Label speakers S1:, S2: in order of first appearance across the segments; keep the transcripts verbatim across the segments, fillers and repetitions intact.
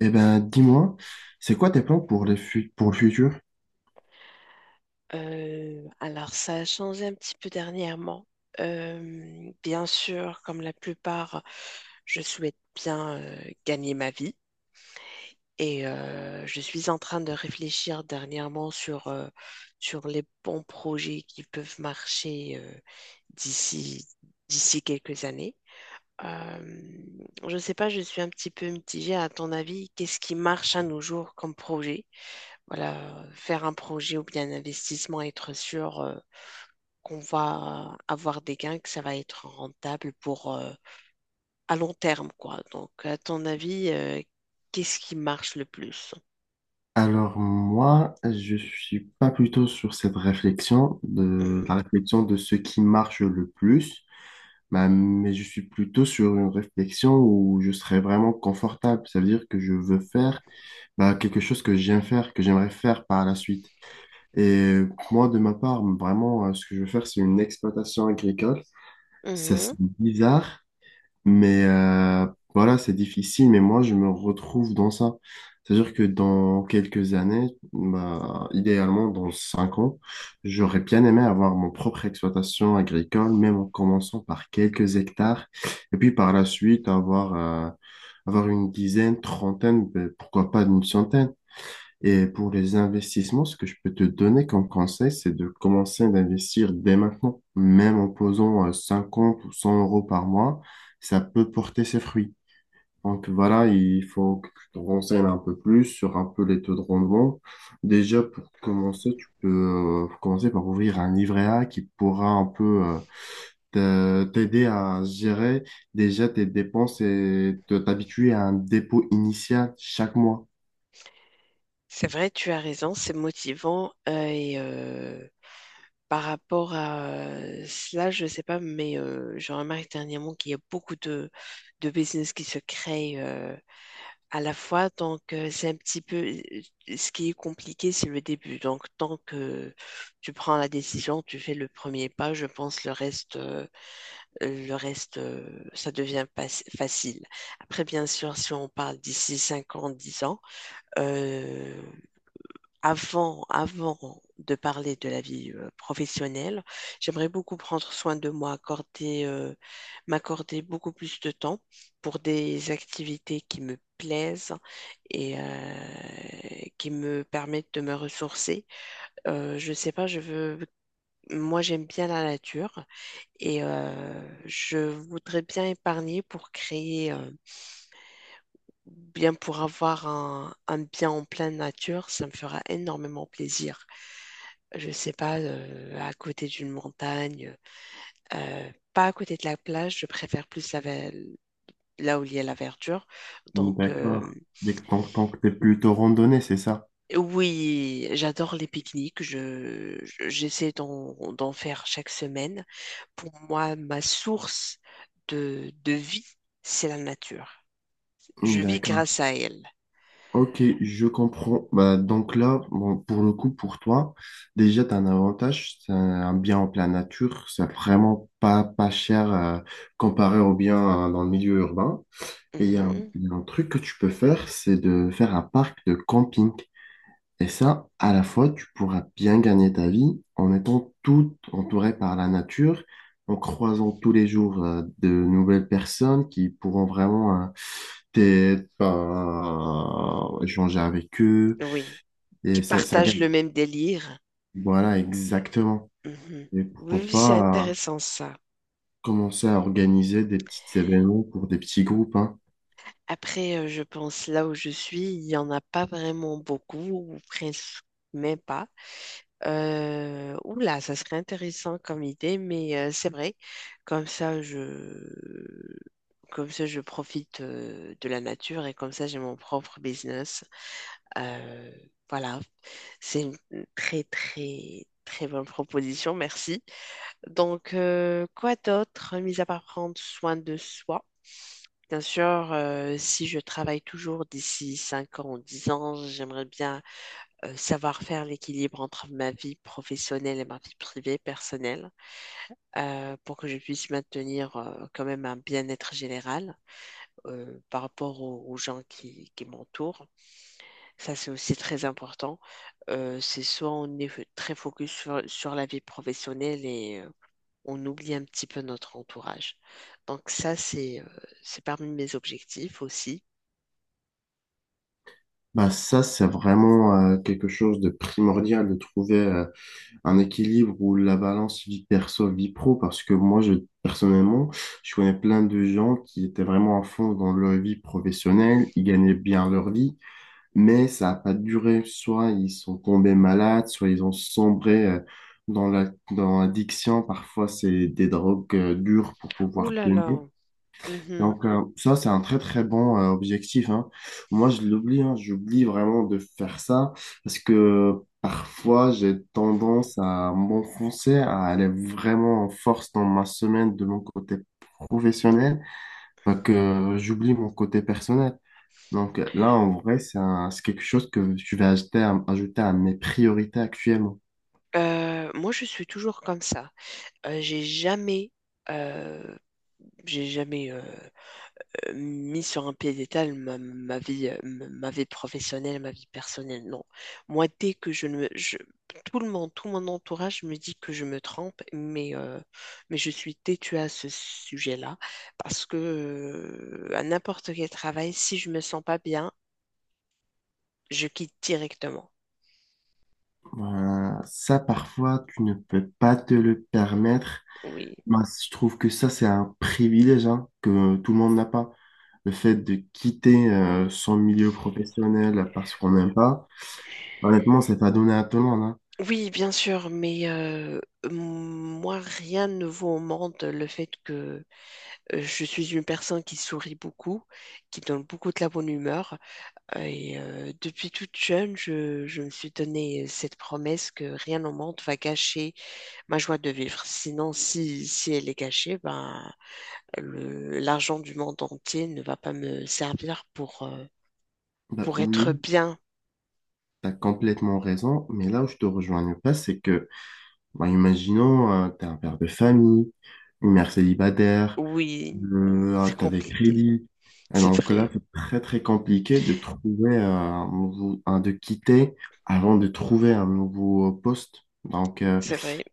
S1: Eh ben, dis-moi, c'est quoi tes plans pour les fu- pour le futur?
S2: Euh, alors, ça a changé un petit peu dernièrement. Euh, bien sûr, comme la plupart, je souhaite bien euh, gagner ma vie et euh, je suis en train de réfléchir dernièrement sur, euh, sur les bons projets qui peuvent marcher euh, d'ici, d'ici quelques années. Euh, je ne sais pas, je suis un petit peu mitigée. À ton avis, qu'est-ce qui marche à nos jours comme projet? Voilà, faire un projet ou bien un investissement, être sûr. euh, qu'on va avoir des gains, que ça va être rentable pour euh, à long terme, quoi. Donc, à ton avis, euh, qu'est-ce qui marche le plus?
S1: Alors moi, je suis pas plutôt sur cette réflexion de
S2: Mhm.
S1: la réflexion de ce qui marche le plus, bah, mais je suis plutôt sur une réflexion où je serais vraiment confortable. Ça veut dire que je veux faire bah, quelque chose que j'aime faire, que j'aimerais faire par la suite. Et moi, de ma part, vraiment, euh, ce que je veux faire, c'est une exploitation agricole. Ça,
S2: Mhm.
S1: c'est bizarre, mais euh, voilà, c'est difficile, mais moi, je me retrouve dans ça. C'est-à-dire que dans quelques années, bah, idéalement dans cinq ans, j'aurais bien aimé avoir mon propre exploitation agricole, même en commençant par quelques hectares, et puis par la suite avoir, euh, avoir une dizaine, trentaine, ben, pourquoi pas une centaine. Et pour les investissements, ce que je peux te donner comme conseil, c'est de commencer d'investir dès maintenant. Même en posant euh, cinquante ou cent euros par mois, ça peut porter ses fruits. Donc voilà, il faut que tu te renseignes un peu plus sur un peu les taux de rendement. Déjà, pour commencer, tu peux euh, commencer par ouvrir un livret A qui pourra un peu euh, te- t'aider à gérer déjà tes dépenses et te t'habituer à un dépôt initial chaque mois.
S2: C'est vrai, tu as raison, c'est motivant. Euh, et euh, par rapport à euh, cela, je ne sais pas, mais euh, je remarque dernièrement qu'il y a beaucoup de, de business qui se créent euh, à la fois, donc euh, c'est un petit peu ce qui est compliqué, c'est le début. Donc tant que tu prends la décision, tu fais le premier pas, je pense le reste, euh, le reste, euh, ça devient pas- facile. Après, bien sûr, si on parle d'ici cinq ans, dix ans, euh, avant, avant de parler de la vie euh, professionnelle, j'aimerais beaucoup prendre soin de moi, accorder, euh, m'accorder beaucoup plus de temps pour des activités qui me plaisent et euh, qui me permettent de me ressourcer. Euh, je sais pas, je veux, moi j'aime bien la nature et euh, je voudrais bien épargner pour créer. euh, bien pour avoir un, un bien en pleine nature, ça me fera énormément plaisir. Je sais pas, euh, à côté d'une montagne, euh, pas à côté de la plage, je préfère plus la ve- là où il y a la verdure. Donc, euh,
S1: D'accord. Dès que tant, tant que t'es plutôt randonnée, c'est ça?
S2: oui, j'adore les pique-niques. Je, je- j'essaie d'en, d'en faire chaque semaine. Pour moi, ma source de, de vie, c'est la nature. Je vis
S1: D'accord.
S2: grâce à elle.
S1: Ok, je comprends. Bah, donc là, bon, pour le coup, pour toi, déjà, tu as un avantage, c'est un bien en pleine nature, c'est vraiment pas, pas cher euh, comparé au bien euh, dans le milieu urbain. Et il y a un,
S2: Mhm.
S1: il y a un truc que tu peux faire, c'est de faire un parc de camping. Et ça, à la fois, tu pourras bien gagner ta vie en étant tout entouré par la nature, en croisant tous les jours euh, de nouvelles personnes qui pourront vraiment euh, t'aider, euh, échanger avec eux.
S2: Oui. Qui
S1: Et ça, ça
S2: partagent
S1: gagne.
S2: le même délire.
S1: Voilà, exactement.
S2: Mhm.
S1: Et
S2: Oui,
S1: pourquoi
S2: oui, c'est
S1: pas euh,
S2: intéressant ça.
S1: commencer à organiser des petits événements pour des petits groupes, hein.
S2: Après, euh, je pense là où je suis, il n'y en a pas vraiment beaucoup, ou presque même pas. Euh, oula, ça serait intéressant comme idée, mais euh, c'est vrai. Comme ça, je, comme ça, je profite euh, de la nature et comme ça, j'ai mon propre business. Euh, voilà, c'est une très, très, très bonne proposition. Merci. Donc, euh, quoi d'autre, mis à part prendre soin de soi? Bien sûr, euh, si je travaille toujours d'ici cinq ans ou dix ans, j'aimerais bien euh, savoir faire l'équilibre entre ma vie professionnelle et ma vie privée, personnelle, euh, pour que je puisse maintenir euh, quand même un bien-être général euh, par rapport aux, aux gens qui, qui m'entourent. Ça, c'est aussi très important. Euh, c'est soit on est f- très focus sur, sur la vie professionnelle et euh, on oublie un petit peu notre entourage. Donc ça, c'est euh, c'est parmi mes objectifs aussi.
S1: Bah ça, c'est vraiment euh, quelque chose de primordial de trouver euh, un équilibre où la balance vie perso, vie pro, parce que moi, je, personnellement, je connais plein de gens qui étaient vraiment à fond dans leur vie professionnelle, ils gagnaient bien leur vie, mais ça n'a pas duré. Soit ils sont tombés malades, soit ils ont sombré euh, dans la, dans l'addiction. Parfois, c'est des drogues euh, dures pour
S2: Ouh
S1: pouvoir
S2: là là.
S1: tenir.
S2: Mhm.
S1: Donc euh, ça, c'est un très très bon euh, objectif, hein. Moi, je l'oublie, hein, j'oublie vraiment de faire ça parce que parfois, j'ai tendance à m'enfoncer, à aller vraiment en force dans ma semaine de mon côté professionnel, bah, que j'oublie mon côté personnel. Donc euh, là, en vrai, c'est un- c'est quelque chose que je vais ajouter à, ajouter à mes priorités actuellement.
S2: Euh, moi, je suis toujours comme ça. Euh, j'ai jamais, euh, j'ai jamais euh, euh, mis sur un piédestal ma, ma vie, euh, m- ma vie professionnelle, ma vie personnelle. Non. Moi, dès que je ne me, je- tout le monde, tout mon entourage me dit que je me trompe, mais, euh, mais je suis têtue à ce sujet-là parce que euh, à n'importe quel travail, si je me sens pas bien, je quitte directement.
S1: Euh, ça, parfois, tu ne peux pas te le permettre.
S2: Oui.
S1: Bah, je trouve que ça, c'est un privilège hein, que tout le monde n'a pas. Le fait de quitter euh, son milieu professionnel parce qu'on n'aime pas, honnêtement, c'est pas donné à tout le monde, hein.
S2: Oui, bien sûr, mais euh, moi, rien ne vaut au monde le fait que euh, je suis une personne qui sourit beaucoup, qui donne beaucoup de la bonne humeur. Euh, Et euh, depuis toute jeune, je, je me suis donné cette promesse que rien au monde va gâcher ma joie de vivre. Sinon, si, si elle est gâchée, ben, le- l'argent du monde entier ne va pas me servir pour, euh,
S1: Bah,
S2: pour
S1: oui,
S2: être bien.
S1: tu as complètement raison, mais là où je te rejoins pas, c'est que, bah, imaginons, tu es un père de famille, une mère célibataire,
S2: Oui,
S1: euh,
S2: c'est
S1: tu as des
S2: compliqué.
S1: crédits. Et
S2: C'est
S1: donc là,
S2: vrai,
S1: c'est très très compliqué de trouver euh, un nouveau, un- de quitter avant de trouver un nouveau poste. Donc, euh,
S2: c'est vrai.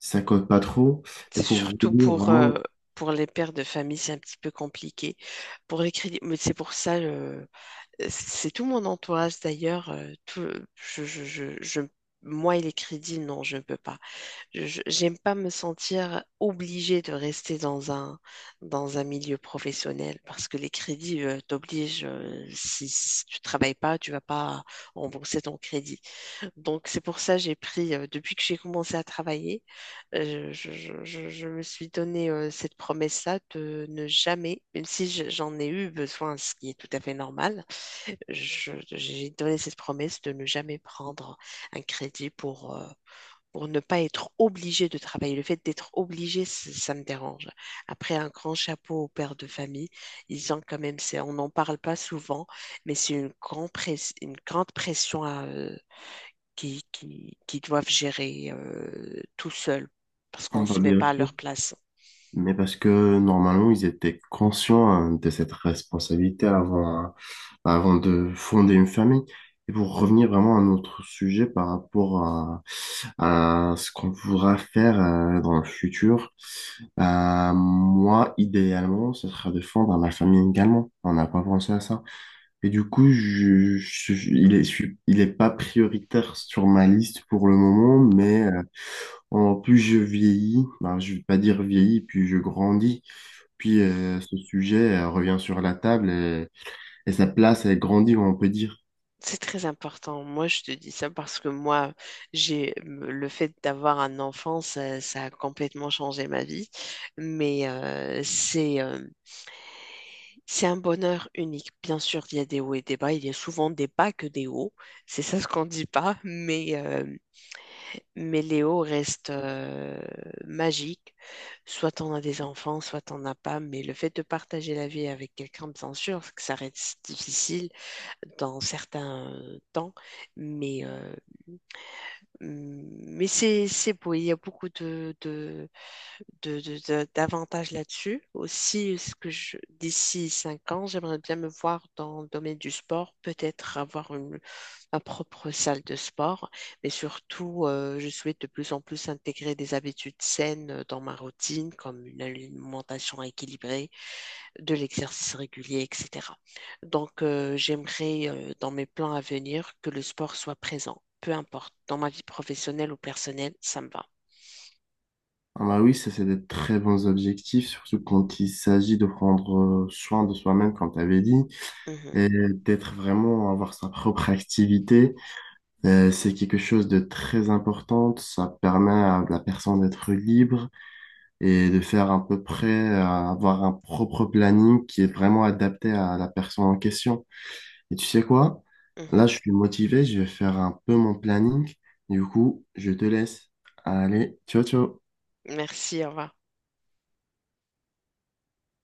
S1: si ça cote pas trop. Et
S2: C'est
S1: pour
S2: surtout
S1: rouler,
S2: pour, euh,
S1: vraiment,
S2: pour les pères de famille, c'est un petit peu compliqué. Pour les crédits, mais c'est pour ça. euh, C'est tout mon entourage d'ailleurs. Euh, tout, je, je, je, je- moi et les crédits, non, je ne peux pas. Je, je- j'aime pas me sentir obligée de rester dans un, dans un milieu professionnel parce que les crédits euh, t'obligent. euh, si, si tu travailles pas, tu vas pas rembourser ton crédit. Donc c'est pour ça que j'ai pris, euh, depuis que j'ai commencé à travailler, euh, je, je, je, je me suis donné euh, cette promesse-là de ne jamais, même si je- j'en ai eu besoin, ce qui est tout à fait normal. Je- j'ai donné cette promesse de ne jamais prendre un crédit pour, euh, pour ne pas être obligé de travailler. Le fait d'être obligé, c- ça me dérange. Après, un grand chapeau aux pères de famille, ils ont quand même, c'est- on n'en parle pas souvent, mais c'est une grande press- une grande pression à, euh, qui, qui, qui doivent gérer euh, tout seuls parce qu'on
S1: on
S2: ne
S1: va
S2: se met
S1: bien
S2: pas à
S1: sûr.
S2: leur place.
S1: Mais parce que normalement, ils étaient conscients hein, de cette responsabilité avant, hein, bah, avant de fonder une famille. Et pour revenir vraiment à notre sujet par rapport à, à ce qu'on voudra faire euh, dans le futur, euh, moi, idéalement, ce sera de fonder ma famille également. On n'a pas pensé à ça. Et du coup, je, je- je- il est, je suis- il est pas prioritaire sur ma liste pour le moment, mais euh, en plus je vieillis, ben, je vais pas dire vieillis, puis je grandis, puis euh, ce sujet euh, revient sur la table et, et sa place elle grandit, on peut dire.
S2: C'est très important. Moi, je te dis ça parce que moi, j'ai le fait d'avoir un enfant, ça, ça a complètement changé ma vie. Mais euh, c'est euh, c'est un bonheur unique. Bien sûr, il y a des hauts et des bas. Il y a souvent des bas que des hauts. C'est ça ce qu'on dit pas. Mais euh, Mais Léo reste euh, magique. Soit t'en as des enfants, soit t'en as pas. Mais le fait de partager la vie avec quelqu'un, bien sûr, que ça reste difficile dans certains temps. Mais, euh, mais c'est, c'est beau. Il y a beaucoup de, de, de- de- de- d'avantages là-dessus. Aussi, ce que je, d'ici cinq ans, j'aimerais bien me voir dans le domaine du sport. Peut-être avoir une ma propre salle de sport, mais surtout, euh, je souhaite de plus en plus intégrer des habitudes saines euh, dans ma routine, comme une alimentation équilibrée, de l'exercice régulier, et cetera. Donc, euh, j'aimerais, euh, dans mes plans à venir, que le sport soit présent, peu importe, dans ma vie professionnelle ou personnelle, ça me va.
S1: Ah bah oui, ça c'est des très bons objectifs, surtout quand il s'agit de prendre euh, soin de soi-même, comme tu avais dit,
S2: Mhm,
S1: et d'être vraiment avoir sa propre activité. Euh, c'est quelque chose de très important. Ça permet à la personne d'être libre et de faire à peu près, à avoir un propre planning qui est vraiment adapté à la personne en question. Et tu sais quoi? Là,
S2: mhm.
S1: je suis motivé, je vais faire un peu mon planning. Du coup, je te laisse. Allez, ciao, ciao.
S2: Merci, au revoir.